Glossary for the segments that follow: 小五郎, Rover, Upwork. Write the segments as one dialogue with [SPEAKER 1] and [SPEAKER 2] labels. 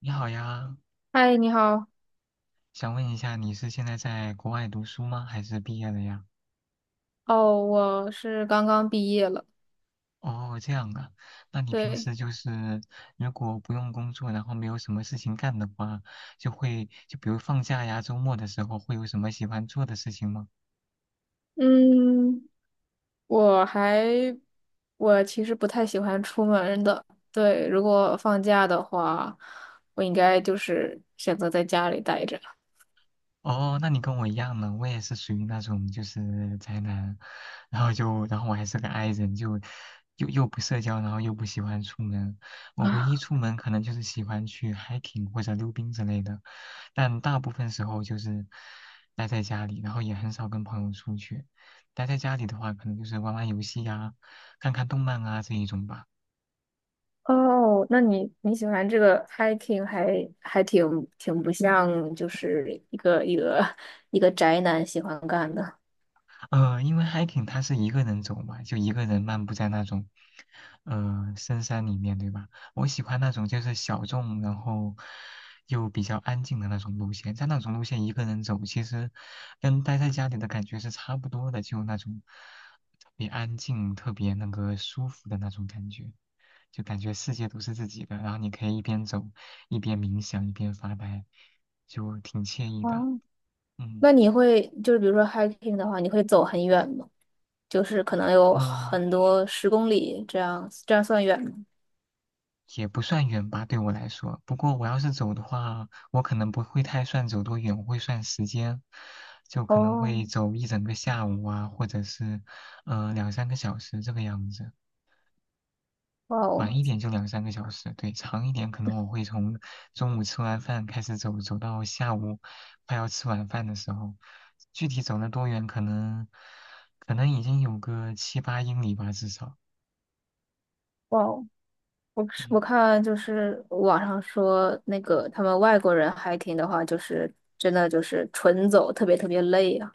[SPEAKER 1] 你好呀，
[SPEAKER 2] 嗨，你好。
[SPEAKER 1] 想问一下，你是现在在国外读书吗？还是毕业了呀？
[SPEAKER 2] 哦，我是刚刚毕业了。
[SPEAKER 1] 哦，这样啊，那你平
[SPEAKER 2] 对，
[SPEAKER 1] 时就是如果不用工作，然后没有什么事情干的话，就会就比如放假呀、周末的时候，会有什么喜欢做的事情吗？
[SPEAKER 2] 嗯，我还，我其实不太喜欢出门的。对，如果放假的话，我应该就是选择在家里待着。
[SPEAKER 1] 哦，那你跟我一样呢，我也是属于那种就是宅男，然后就然后我还是个 i 人，就又不社交，然后又不喜欢出门。我唯一
[SPEAKER 2] 啊，
[SPEAKER 1] 出门可能就是喜欢去 hiking 或者溜冰之类的，但大部分时候就是待在家里，然后也很少跟朋友出去。待在家里的话，可能就是玩玩游戏呀、看看动漫啊这一种吧。
[SPEAKER 2] 哦，那你喜欢这个 hiking 还挺不像，就是一个宅男喜欢干的。
[SPEAKER 1] 因为 hiking 它是一个人走嘛，就一个人漫步在那种，深山里面，对吧？我喜欢那种就是小众，然后又比较安静的那种路线。在那种路线一个人走，其实跟待在家里的感觉是差不多的，就那种特别安静、特别那个舒服的那种感觉，就感觉世界都是自己的，然后你可以一边走一边冥想，一边发呆，就挺惬意的。
[SPEAKER 2] 哦，
[SPEAKER 1] 嗯
[SPEAKER 2] 那你会就是比如说 hiking 的话，你会走很远吗？就是可能有
[SPEAKER 1] 嗯，
[SPEAKER 2] 很多10公里这样，这样算远吗？
[SPEAKER 1] 也不算远吧，对我来说。不过我要是走的话，我可能不会太算走多远，我会算时间，就可能
[SPEAKER 2] 哦，
[SPEAKER 1] 会走一整个下午啊，或者是两三个小时这个样子。
[SPEAKER 2] 哇哦，
[SPEAKER 1] 晚一点就两三个小时，对，长一点可能我会从中午吃完饭开始走，走到下午快要吃晚饭的时候。具体走了多远，可能已经有个7、8英里吧，至少。
[SPEAKER 2] 哇哦！
[SPEAKER 1] 嗯。
[SPEAKER 2] 我看就是网上说那个他们外国人 hiking 的话，就是真的就是纯走，特别特别累啊。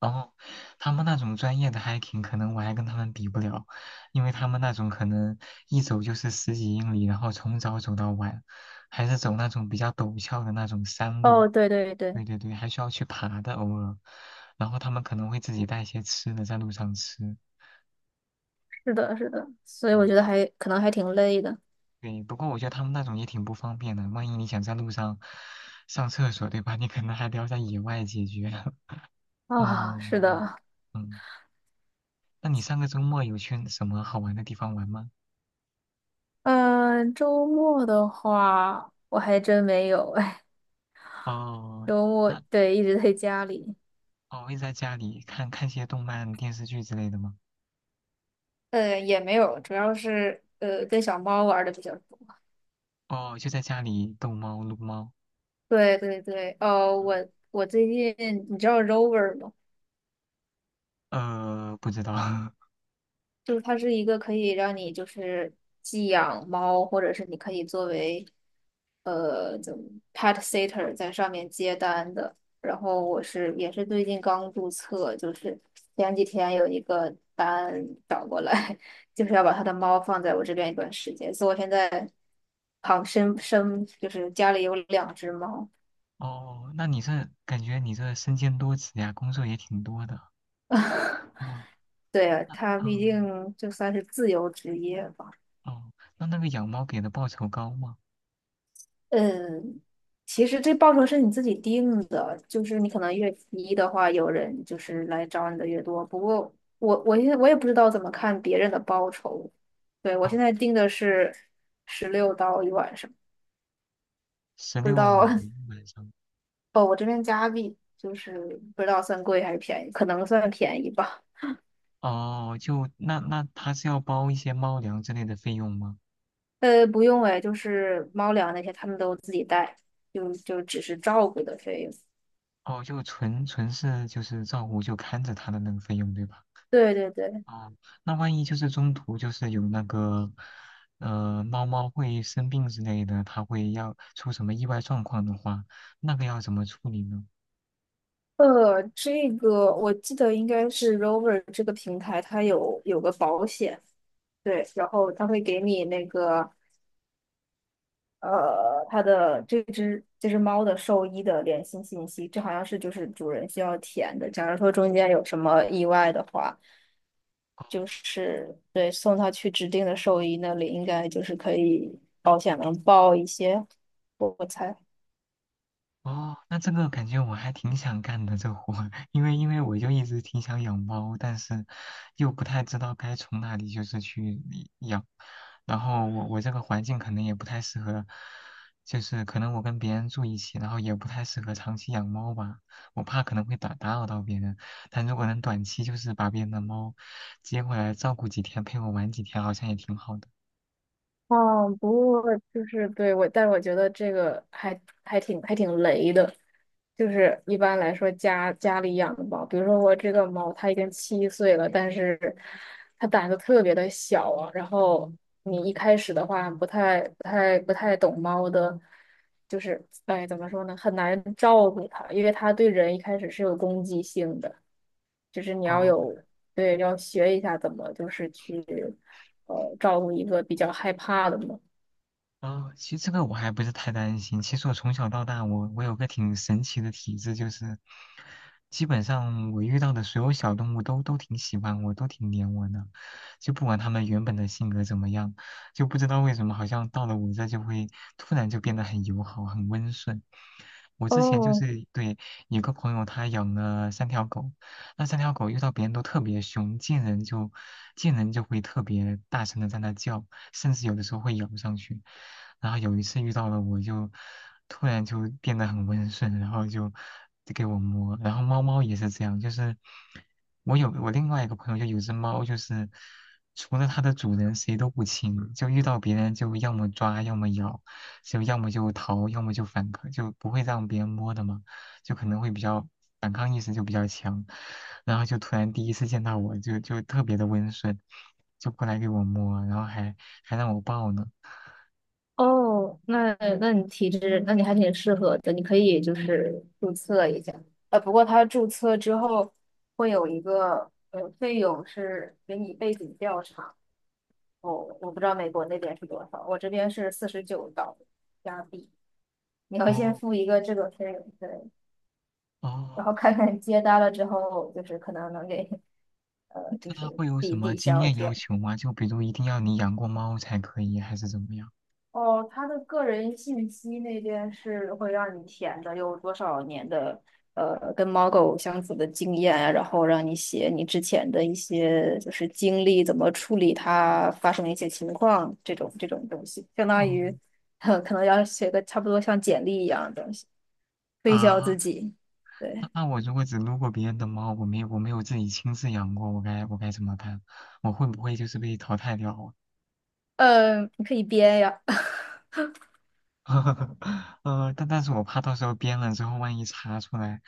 [SPEAKER 1] 然后，他们那种专业的 hiking，可能我还跟他们比不了，因为他们那种可能一走就是10几英里，然后从早走到晚，还是走那种比较陡峭的那种山路。
[SPEAKER 2] 哦，对对对，
[SPEAKER 1] 对对对，还需要去爬的，偶尔。然后他们可能会自己带一些吃的在路上吃。
[SPEAKER 2] 是的，是的，所以我
[SPEAKER 1] 嗯，
[SPEAKER 2] 觉得还可能还挺累的
[SPEAKER 1] 对。不过我觉得他们那种也挺不方便的，万一你想在路上上厕所，对吧？你可能还得要在野外解决。
[SPEAKER 2] 啊。是
[SPEAKER 1] 嗯
[SPEAKER 2] 的，
[SPEAKER 1] 嗯，那你上个周末有去什么好玩的地方玩吗？
[SPEAKER 2] 嗯，周末的话我还真没有，哎，
[SPEAKER 1] 哦，
[SPEAKER 2] 周末，
[SPEAKER 1] 那
[SPEAKER 2] 对，一直在家里。
[SPEAKER 1] 哦会在家里看看些动漫、电视剧之类的吗？
[SPEAKER 2] 也没有，主要是跟小猫玩的比较多。
[SPEAKER 1] 哦，就在家里逗猫、撸猫。
[SPEAKER 2] 对对对，我最近你知道 Rover 吗？
[SPEAKER 1] 不知道。
[SPEAKER 2] 就是它是一个可以让你就是寄养猫，或者是你可以作为呃怎么 pet sitter 在上面接单的。然后也是最近刚注册，就是前几天有一个单找过来，就是要把他的猫放在我这边一段时间，所以我现在旁生生就是家里有两只猫。
[SPEAKER 1] 哦，那你这感觉你这身兼多职呀，工作也挺多的。哦，
[SPEAKER 2] 对，他毕
[SPEAKER 1] 嗯，
[SPEAKER 2] 竟就算是自由职业吧。
[SPEAKER 1] 哦，那那个养猫给的报酬高吗？
[SPEAKER 2] 嗯，其实这报酬是你自己定的，就是你可能越低的话，有人就是来找你的越多。不过我现在我也不知道怎么看别人的报酬。对，我
[SPEAKER 1] 哦，
[SPEAKER 2] 现在定的是16刀一晚上，
[SPEAKER 1] 十
[SPEAKER 2] 不知
[SPEAKER 1] 六美
[SPEAKER 2] 道
[SPEAKER 1] 元一晚上。
[SPEAKER 2] 哦，我这边加币就是不知道算贵还是便宜，可能算便宜吧。
[SPEAKER 1] 哦，就那那他是要包一些猫粮之类的费用吗？
[SPEAKER 2] 不用哎，就是猫粮那些他们都自己带，就只是照顾的费用。
[SPEAKER 1] 哦，就纯纯是就是照顾就看着他的那个费用对吧？
[SPEAKER 2] 对对对，
[SPEAKER 1] 哦，那万一就是中途就是有那个，猫猫会生病之类的，它会要出什么意外状况的话，那个要怎么处理呢？
[SPEAKER 2] 这个我记得应该是 Rover 这个平台，它有个保险，对，然后它会给你那个它的这只猫的兽医的联系信息，这好像是就是主人需要填的。假如说中间有什么意外的话，就是，对，送它去指定的兽医那里，应该就是可以保险能报一些，我猜。
[SPEAKER 1] 哦，那这个感觉我还挺想干的这活儿因为我就一直挺想养猫，但是又不太知道该从哪里就是去养，然后我这个环境可能也不太适合，就是可能我跟别人住一起，然后也不太适合长期养猫吧，我怕可能会打扰到别人，但如果能短期就是把别人的猫接回来照顾几天，陪我玩几天，好像也挺好的。
[SPEAKER 2] 哦，不过就是对我，但是我觉得这个还挺雷的，就是一般来说家里养的猫，比如说我这个猫它已经7岁了，但是它胆子特别的小啊，然后你一开始的话不太懂猫的，就是哎怎么说呢，很难照顾它，因为它对人一开始是有攻击性的。就是你要
[SPEAKER 1] 哦。
[SPEAKER 2] 有，对，要学一下怎么就是去照顾一个比较害怕的猫。
[SPEAKER 1] 啊，其实这个我还不是太担心。其实我从小到大，我有个挺神奇的体质，就是基本上我遇到的所有小动物都挺喜欢我，都挺黏我的，就不管它们原本的性格怎么样，就不知道为什么好像到了我这就会突然就变得很友好，很温顺。我之前就
[SPEAKER 2] 哦
[SPEAKER 1] 是对有个朋友，他养了三条狗，那三条狗遇到别人都特别凶，见人就会特别大声的在那叫。甚至有的时候会咬上去。然后有一次遇到了，我就突然就变得很温顺，然后就给我摸。然后猫猫也是这样，就是我另外一个朋友就有只猫，就是除了它的主人谁都不亲，就遇到别人就要么抓，要么咬，就要么就逃，要么就反抗，就不会让别人摸的嘛，就可能会比较反抗意识就比较强。然后就突然第一次见到我就特别的温顺，就过来给我摸，然后还让我报呢。
[SPEAKER 2] 哦，那你体质，那你还挺适合的，你可以就是注册一下。不过它注册之后会有一个费用是给你背景调查，哦，我不知道美国那边是多少，我这边是49刀加币，你要先
[SPEAKER 1] 哦
[SPEAKER 2] 付一个这个费用。对，然
[SPEAKER 1] 哦，
[SPEAKER 2] 后看看接单了之后，就是可能能给，就
[SPEAKER 1] 那他
[SPEAKER 2] 是
[SPEAKER 1] 会有
[SPEAKER 2] 抵
[SPEAKER 1] 什么
[SPEAKER 2] 抵
[SPEAKER 1] 经
[SPEAKER 2] 消
[SPEAKER 1] 验要
[SPEAKER 2] 掉。
[SPEAKER 1] 求吗？就比如一定要你养过猫才可以，还是怎么样？
[SPEAKER 2] 哦，他的个人信息那边是会让你填的，有多少年的，跟猫狗相处的经验啊，然后让你写你之前的一些就是经历，怎么处理它发生的一些情况这种东西，相当
[SPEAKER 1] 哦
[SPEAKER 2] 于 可能要写个差不多像简历一样的东西，推销
[SPEAKER 1] 啊，
[SPEAKER 2] 自己。
[SPEAKER 1] 那
[SPEAKER 2] 对，
[SPEAKER 1] 那我如果只撸过别人的猫，我没有自己亲自养过，我该怎么办？我会不会就是被淘汰掉啊？
[SPEAKER 2] 你可以编呀。
[SPEAKER 1] 但但是我怕到时候编了之后，万一查出来，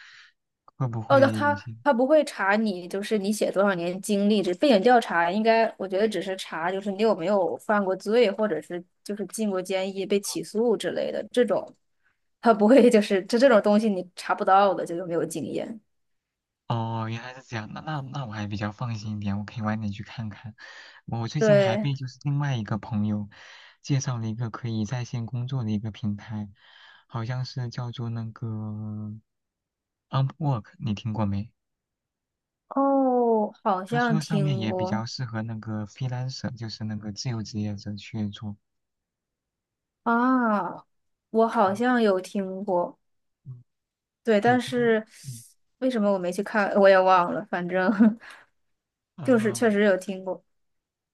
[SPEAKER 1] 会不
[SPEAKER 2] 哦，那
[SPEAKER 1] 会有
[SPEAKER 2] 他
[SPEAKER 1] 些？
[SPEAKER 2] 他不会查你，就是你写多少年经历，这背景调查应该，我觉得只是查就是你有没有犯过罪，或者是就是进过监狱、被起诉之类的这种，他不会就是这种东西你查不到的，就有没有经验。
[SPEAKER 1] 哦，原来是这样，那那那我还比较放心一点，我可以晚点去看看。我最近还
[SPEAKER 2] 对，
[SPEAKER 1] 被就是另外一个朋友介绍了一个可以在线工作的一个平台，好像是叫做那个 Upwork，你听过没？
[SPEAKER 2] 哦，好
[SPEAKER 1] 他
[SPEAKER 2] 像
[SPEAKER 1] 说上面
[SPEAKER 2] 听
[SPEAKER 1] 也比
[SPEAKER 2] 过
[SPEAKER 1] 较适合那个 freelancer，就是那个自由职业者去做。
[SPEAKER 2] 啊，我好
[SPEAKER 1] 对
[SPEAKER 2] 像有听过，
[SPEAKER 1] 嗯，
[SPEAKER 2] 对，
[SPEAKER 1] 对，
[SPEAKER 2] 但
[SPEAKER 1] 不过
[SPEAKER 2] 是
[SPEAKER 1] 嗯
[SPEAKER 2] 为什么我没去看，我也忘了，反正 就是
[SPEAKER 1] 啊
[SPEAKER 2] 确实有听过。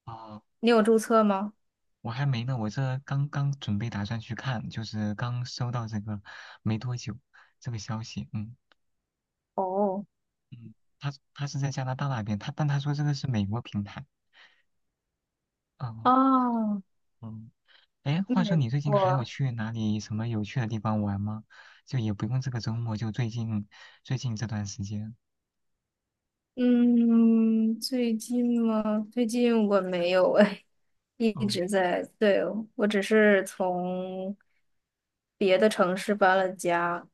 [SPEAKER 1] 啊，
[SPEAKER 2] 你有注册吗？
[SPEAKER 1] 我还没呢，我这刚刚准备打算去看，就是刚收到这个没多久这个消息，嗯
[SPEAKER 2] 哦。
[SPEAKER 1] 嗯，他他是在加拿大那边，他但他说这个是美国平台，嗯
[SPEAKER 2] 哦，
[SPEAKER 1] 嗯，哎，话说
[SPEAKER 2] 对，
[SPEAKER 1] 你最近还有
[SPEAKER 2] 我，
[SPEAKER 1] 去哪里什么有趣的地方玩吗？就也不用这个周末，就最近这段时间，
[SPEAKER 2] 嗯，最近吗？最近我没有哎，一
[SPEAKER 1] 哦，
[SPEAKER 2] 直在，对，我只是从别的城市搬了家，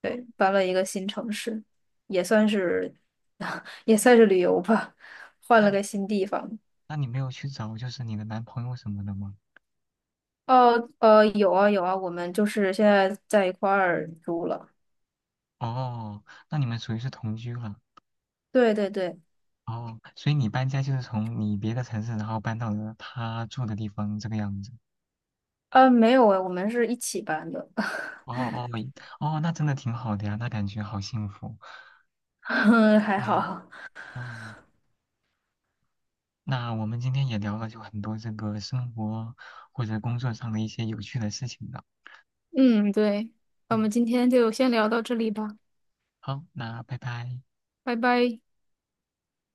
[SPEAKER 2] 对，搬了一个新城市，也算是，也算是旅游吧，换
[SPEAKER 1] 那
[SPEAKER 2] 了
[SPEAKER 1] 你
[SPEAKER 2] 个新地方。
[SPEAKER 1] 那你没有去找就是你的男朋友什么的吗？
[SPEAKER 2] 哦，有啊有啊，我们就是现在在一块儿住了。
[SPEAKER 1] 哦，那你们属于是同居了。
[SPEAKER 2] 对对对，
[SPEAKER 1] 哦，所以你搬家就是从你别的城市，然后搬到了他住的地方这个样子。
[SPEAKER 2] 没有哎，我们是一起搬的，
[SPEAKER 1] 哦哦哦，那真的挺好的呀，那感觉好幸福。
[SPEAKER 2] 还
[SPEAKER 1] 嗯，
[SPEAKER 2] 好。
[SPEAKER 1] 哦，那我们今天也聊了就很多这个生活或者工作上的一些有趣的事情了。
[SPEAKER 2] 嗯，对，那我
[SPEAKER 1] 对，
[SPEAKER 2] 们今天就先聊到这里吧，
[SPEAKER 1] 好，那拜拜。
[SPEAKER 2] 拜拜。